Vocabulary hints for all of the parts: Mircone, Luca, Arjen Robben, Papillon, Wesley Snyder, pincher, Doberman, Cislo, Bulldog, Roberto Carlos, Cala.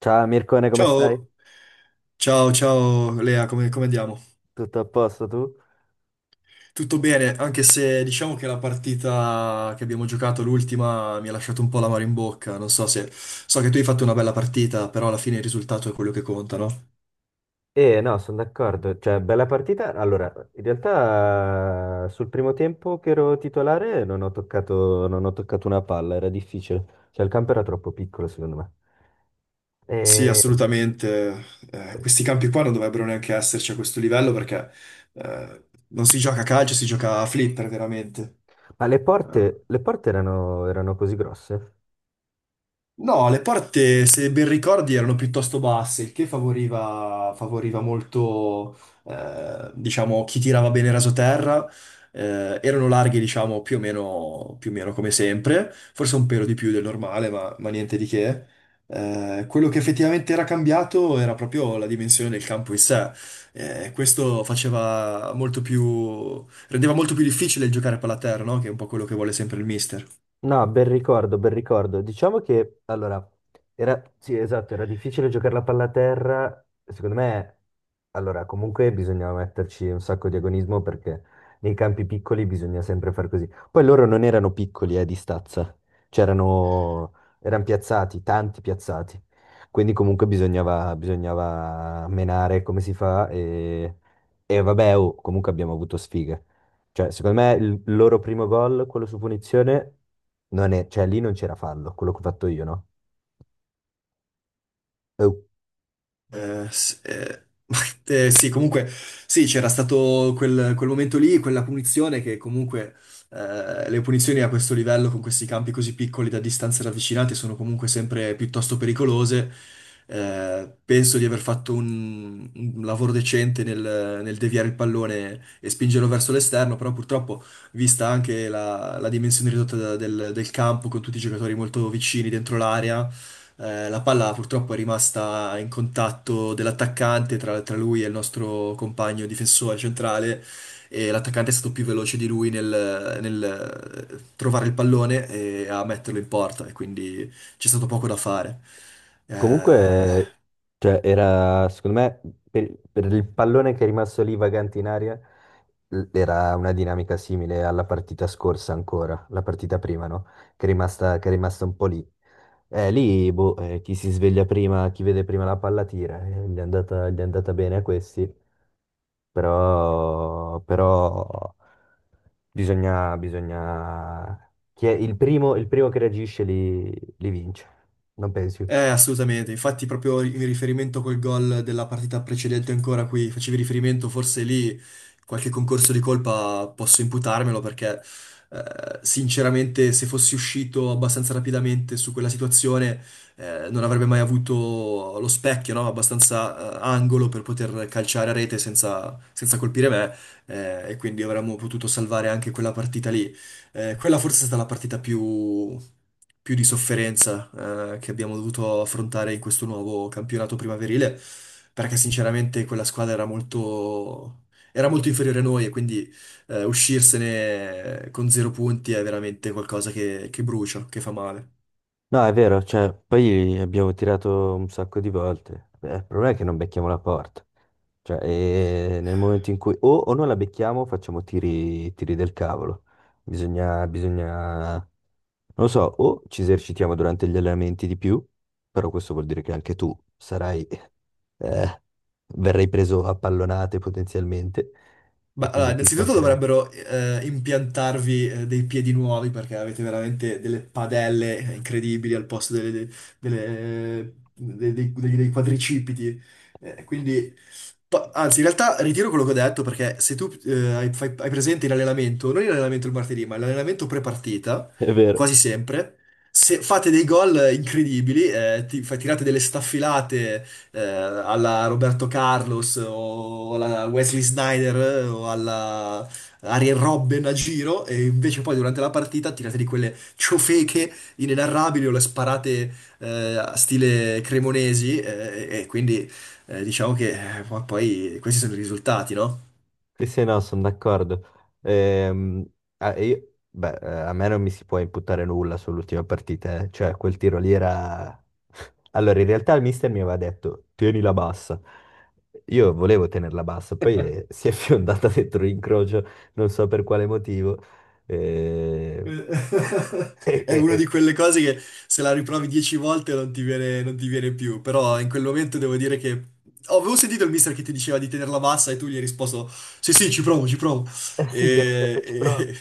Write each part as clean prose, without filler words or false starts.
Ciao Mircone, come stai? Ciao, ciao, ciao Lea, come andiamo? Tutto a posto tu? Tutto bene, anche se diciamo che la partita che abbiamo giocato, l'ultima, mi ha lasciato un po' l'amaro in bocca. Non so se... So che tu hai fatto una bella partita, però alla fine il risultato è quello che conta, no? No, sono d'accordo, cioè bella partita. Allora, in realtà sul primo tempo che ero titolare non ho toccato una palla, era difficile, cioè il campo era troppo piccolo secondo me. Sì, Eh, assolutamente. Questi campi qua non dovrebbero neanche esserci a questo livello perché eh, non si gioca a calcio, si gioca a flipper veramente. Ma le porte erano, erano così grosse? No, le porte, se ben ricordi, erano piuttosto basse, il che favoriva, favoriva molto, diciamo, chi tirava bene rasoterra. Erano larghe, diciamo, più o meno come sempre, forse un pelo di più del normale, ma niente di che. Quello che effettivamente era cambiato era proprio la dimensione del campo in sé. Questo faceva molto più, rendeva molto più difficile il giocare a palla a terra, no? Che è un po' quello che vuole sempre il mister. No, bel ricordo, bel ricordo. Diciamo che, allora, era, sì, esatto, era difficile giocare la palla a terra. Secondo me, allora, comunque bisognava metterci un sacco di agonismo perché nei campi piccoli bisogna sempre far così. Poi loro non erano piccoli, di stazza. C'erano, erano piazzati, tanti piazzati. Quindi comunque bisognava menare come si fa e vabbè, oh, comunque abbiamo avuto sfiga. Cioè, secondo me il loro primo gol, quello su punizione, non è, cioè lì non c'era fallo, quello che ho fatto io, no? Eh, Eh, s- eh, sì, comunque, sì, c'era stato quel momento lì, quella punizione che comunque le punizioni a questo livello, con questi campi così piccoli da distanze ravvicinate, sono comunque sempre piuttosto pericolose. Penso di aver fatto un lavoro decente nel deviare il pallone e spingerlo verso l'esterno, però purtroppo, vista anche la dimensione ridotta del campo, con tutti i giocatori molto vicini dentro l'area, la palla purtroppo è rimasta in contatto dell'attaccante tra lui e il nostro compagno difensore centrale e l'attaccante è stato più veloce di lui nel trovare il pallone e a metterlo in porta e quindi c'è stato poco da fare. Eh, Comunque, cioè, era, secondo me, per il pallone che è rimasto lì vagante in aria, era una dinamica simile alla partita scorsa ancora, la partita prima, no? Che è rimasta un po' lì. Lì, boh, chi si sveglia prima, chi vede prima la palla tira, gli è andata bene a questi. Però bisogna... Chi è il primo che reagisce li, li vince, non pensi? Assolutamente. Infatti, proprio in riferimento col gol della partita precedente ancora qui, facevi riferimento, forse lì qualche concorso di colpa posso imputarmelo perché sinceramente se fossi uscito abbastanza rapidamente su quella situazione non avrebbe mai avuto lo specchio, no? Abbastanza angolo per poter calciare a rete senza, senza colpire me e quindi avremmo potuto salvare anche quella partita lì. Quella forse è stata la partita più, più di sofferenza, che abbiamo dovuto affrontare in questo nuovo campionato primaverile, perché sinceramente quella squadra era molto inferiore a noi e quindi uscirsene con zero punti è veramente qualcosa che brucia, che fa male. No, è vero, cioè, poi abbiamo tirato un sacco di volte. Il problema è che non becchiamo la porta. Cioè, nel momento in cui o non la becchiamo, facciamo tiri del cavolo. Bisogna, non lo so, o ci esercitiamo durante gli allenamenti di più, però questo vuol dire che anche tu sarai, eh, verrai preso a pallonate potenzialmente e Ma allora, quindi ti innanzitutto stancherai. dovrebbero impiantarvi dei piedi nuovi perché avete veramente delle padelle incredibili al posto dei quadricipiti. Eh, quindi Anzi, in realtà ritiro quello che ho detto perché se tu hai presente in allenamento, non in allenamento il martedì, ma l'allenamento pre-partita, È vero. quasi sempre, se fate dei gol incredibili, tirate delle staffilate alla Roberto Carlos o alla Wesley Snyder o alla Arjen Robben a giro e invece poi durante la partita tirate di quelle ciofeche inenarrabili o le sparate eh, a stile cremonesi e quindi diciamo che poi questi sono i risultati, no? Sì, sì, no, sono d'accordo. Ehm, beh, a me non mi si può imputare nulla sull'ultima partita, eh. Cioè quel tiro lì era... Allora, in realtà il mister mi aveva detto, tienila bassa. Io volevo tenerla bassa, poi si è fiondata dentro l'incrocio, non so per quale motivo. Eh, Eh, E, È e- una e- di quelle cose che se la riprovi 10 volte non ti viene, non ti viene più, però in quel momento devo dire che... Oh, avevo sentito il mister che ti diceva di tenerla bassa e tu gli hai risposto sì, sì, ci provo, ci provo. Eh sì, gli avevo detto E, ci provo. e-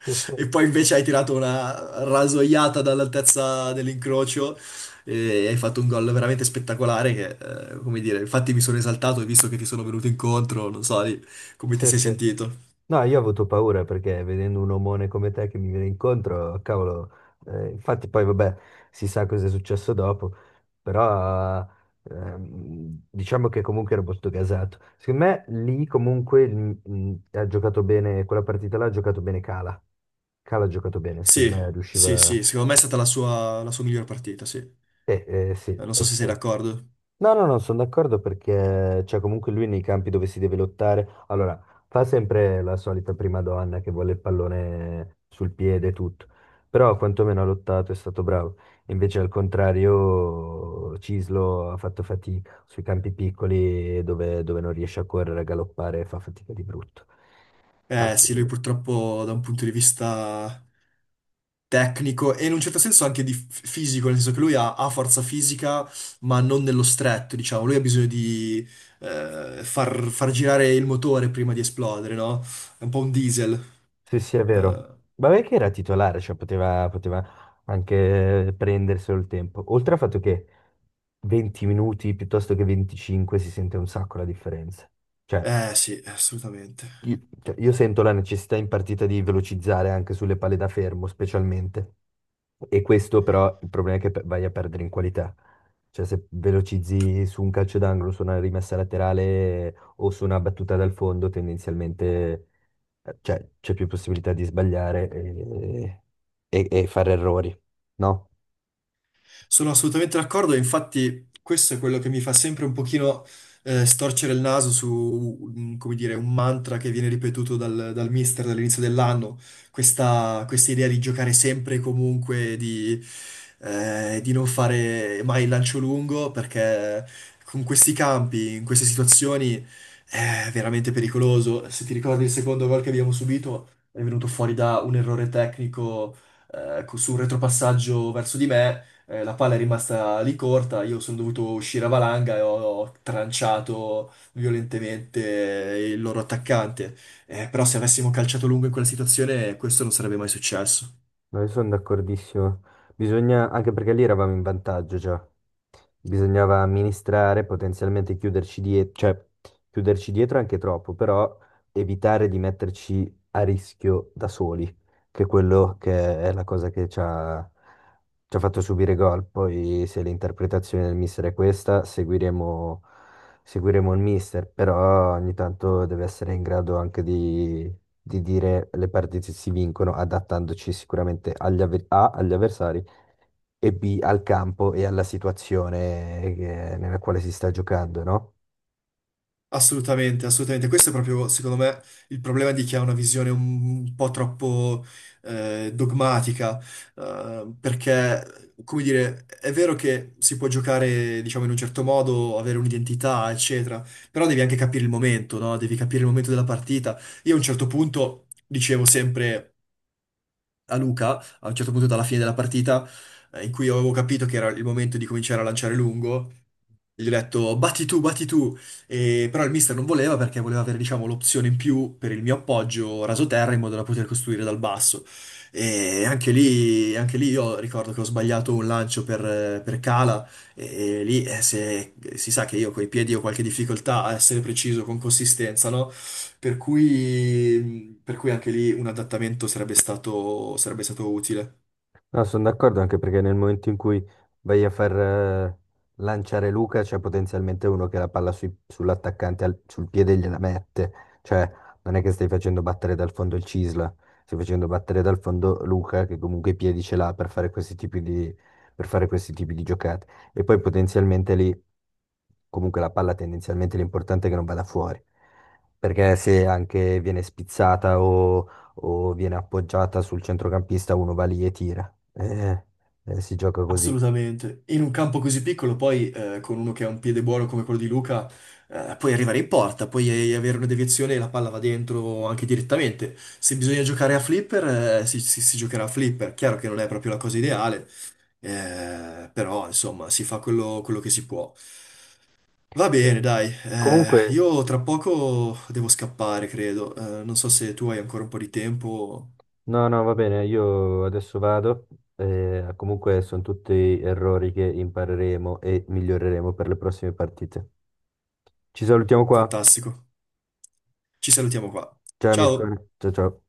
Sì, sì. e poi invece hai tirato una rasoiata dall'altezza dell'incrocio e hai fatto un gol veramente spettacolare che, come dire, infatti mi sono esaltato e visto che ti sono venuto incontro, non so lì, come ti Sì, sei sì. sentito. No, io ho avuto paura perché vedendo un omone come te che mi viene incontro, cavolo, infatti poi vabbè, si sa cosa è successo dopo, però diciamo che comunque ero molto gasato. Secondo me lì comunque ha giocato bene, quella partita là ha giocato bene Cala. Cala ha giocato bene, secondo Sì, me sì, riusciva... sì, secondo me è stata la sua miglior partita, sì. Eh, sì, Non so se sei d'accordo. no, no, non sono d'accordo perché cioè, comunque lui nei campi dove si deve lottare, allora fa sempre la solita prima donna che vuole il pallone sul piede e tutto, però quantomeno ha lottato, è stato bravo. Invece al contrario Cislo ha fatto fatica sui campi piccoli dove, dove non riesce a correre, a galoppare, fa fatica di brutto. Eh sì, lui purtroppo da un punto di vista tecnico e in un certo senso anche di fisico, nel senso che ha forza fisica, ma non nello stretto, diciamo. Lui ha bisogno di far girare il motore prima di esplodere, no? È un po' un diesel. Sì, sì, è vero. Eh, Vabbè che era titolare, cioè poteva anche prenderselo il tempo. Oltre al fatto che 20 minuti piuttosto che 25 si sente un sacco la differenza. Cioè, sì, assolutamente. Io sento la necessità in partita di velocizzare anche sulle palle da fermo, specialmente. E questo però il problema è che vai a perdere in qualità. Cioè, se velocizzi su un calcio d'angolo, su una rimessa laterale o su una battuta dal fondo, tendenzialmente cioè c'è più possibilità di sbagliare e, e fare errori, no? Sono assolutamente d'accordo, e infatti questo è quello che mi fa sempre un pochino storcere il naso su, come dire, un mantra che viene ripetuto dal mister dall'inizio dell'anno, questa idea di giocare sempre e comunque, di non fare mai il lancio lungo, perché con questi campi, in queste situazioni, è veramente pericoloso. Se ti ricordi il secondo gol che abbiamo subito, è venuto fuori da un errore tecnico su un retropassaggio verso di me la palla è rimasta lì corta, io sono dovuto uscire a valanga e ho, ho tranciato violentemente il loro attaccante. Però se avessimo calciato lungo in quella situazione, questo non sarebbe mai successo. No, io sono d'accordissimo. Bisogna, anche perché lì eravamo in vantaggio già. Bisognava amministrare, potenzialmente chiuderci dietro, cioè chiuderci dietro anche troppo, però evitare di metterci a rischio da soli, che è quello che è la cosa che ci ha fatto subire gol. Poi se l'interpretazione del mister è questa, seguiremo il mister, però ogni tanto deve essere in grado anche di dire le partite si vincono adattandoci sicuramente agli avversari e B, al campo e alla situazione nella quale si sta giocando, no? Assolutamente, assolutamente. Questo è proprio, secondo me, il problema di chi ha una visione un po' troppo dogmatica, perché, come dire, è vero che si può giocare, diciamo, in un certo modo, avere un'identità, eccetera, però devi anche capire il momento, no? Devi capire il momento della partita. Io a un certo punto dicevo sempre a Luca a un certo punto dalla fine della partita, in cui io avevo capito che era il momento di cominciare a lanciare lungo. Gli ho detto batti tu, batti tu. Però il mister non voleva perché voleva avere, diciamo, l'opzione in più per il mio appoggio raso terra in modo da poter costruire dal basso. E anche lì io ricordo che ho sbagliato un lancio per cala e lì se, si sa che io coi piedi ho qualche difficoltà a essere preciso con consistenza, no? Per cui anche lì un adattamento sarebbe stato utile. No, sono d'accordo anche perché nel momento in cui vai a far lanciare Luca c'è potenzialmente uno che la palla sull'attaccante sul piede gliela mette, cioè non è che stai facendo battere dal fondo il Cisla, stai facendo battere dal fondo Luca che comunque i piedi ce l'ha per fare questi tipi di, per fare questi tipi di giocate e poi potenzialmente lì comunque la palla tendenzialmente l'importante è che non vada fuori, perché se anche viene spizzata o viene appoggiata sul centrocampista uno va lì e tira. Eh, si gioca così. Assolutamente. In un campo così piccolo, poi con uno che ha un piede buono come quello di Luca, puoi arrivare in porta, puoi avere una deviazione e la palla va dentro anche direttamente. Se bisogna giocare a flipper, si giocherà a flipper. Chiaro che non è proprio la cosa ideale, però insomma si fa quello che si può. Va Beh, bene, dai, comunque, io tra poco devo scappare, credo. Non so se tu hai ancora un po' di tempo. no, no, va bene, io adesso vado. Eh, comunque sono tutti errori che impareremo e miglioreremo per le prossime partite. Ci salutiamo qua. Fantastico. Ci salutiamo qua. Ciao Mirko. Ciao! Ciao ciao.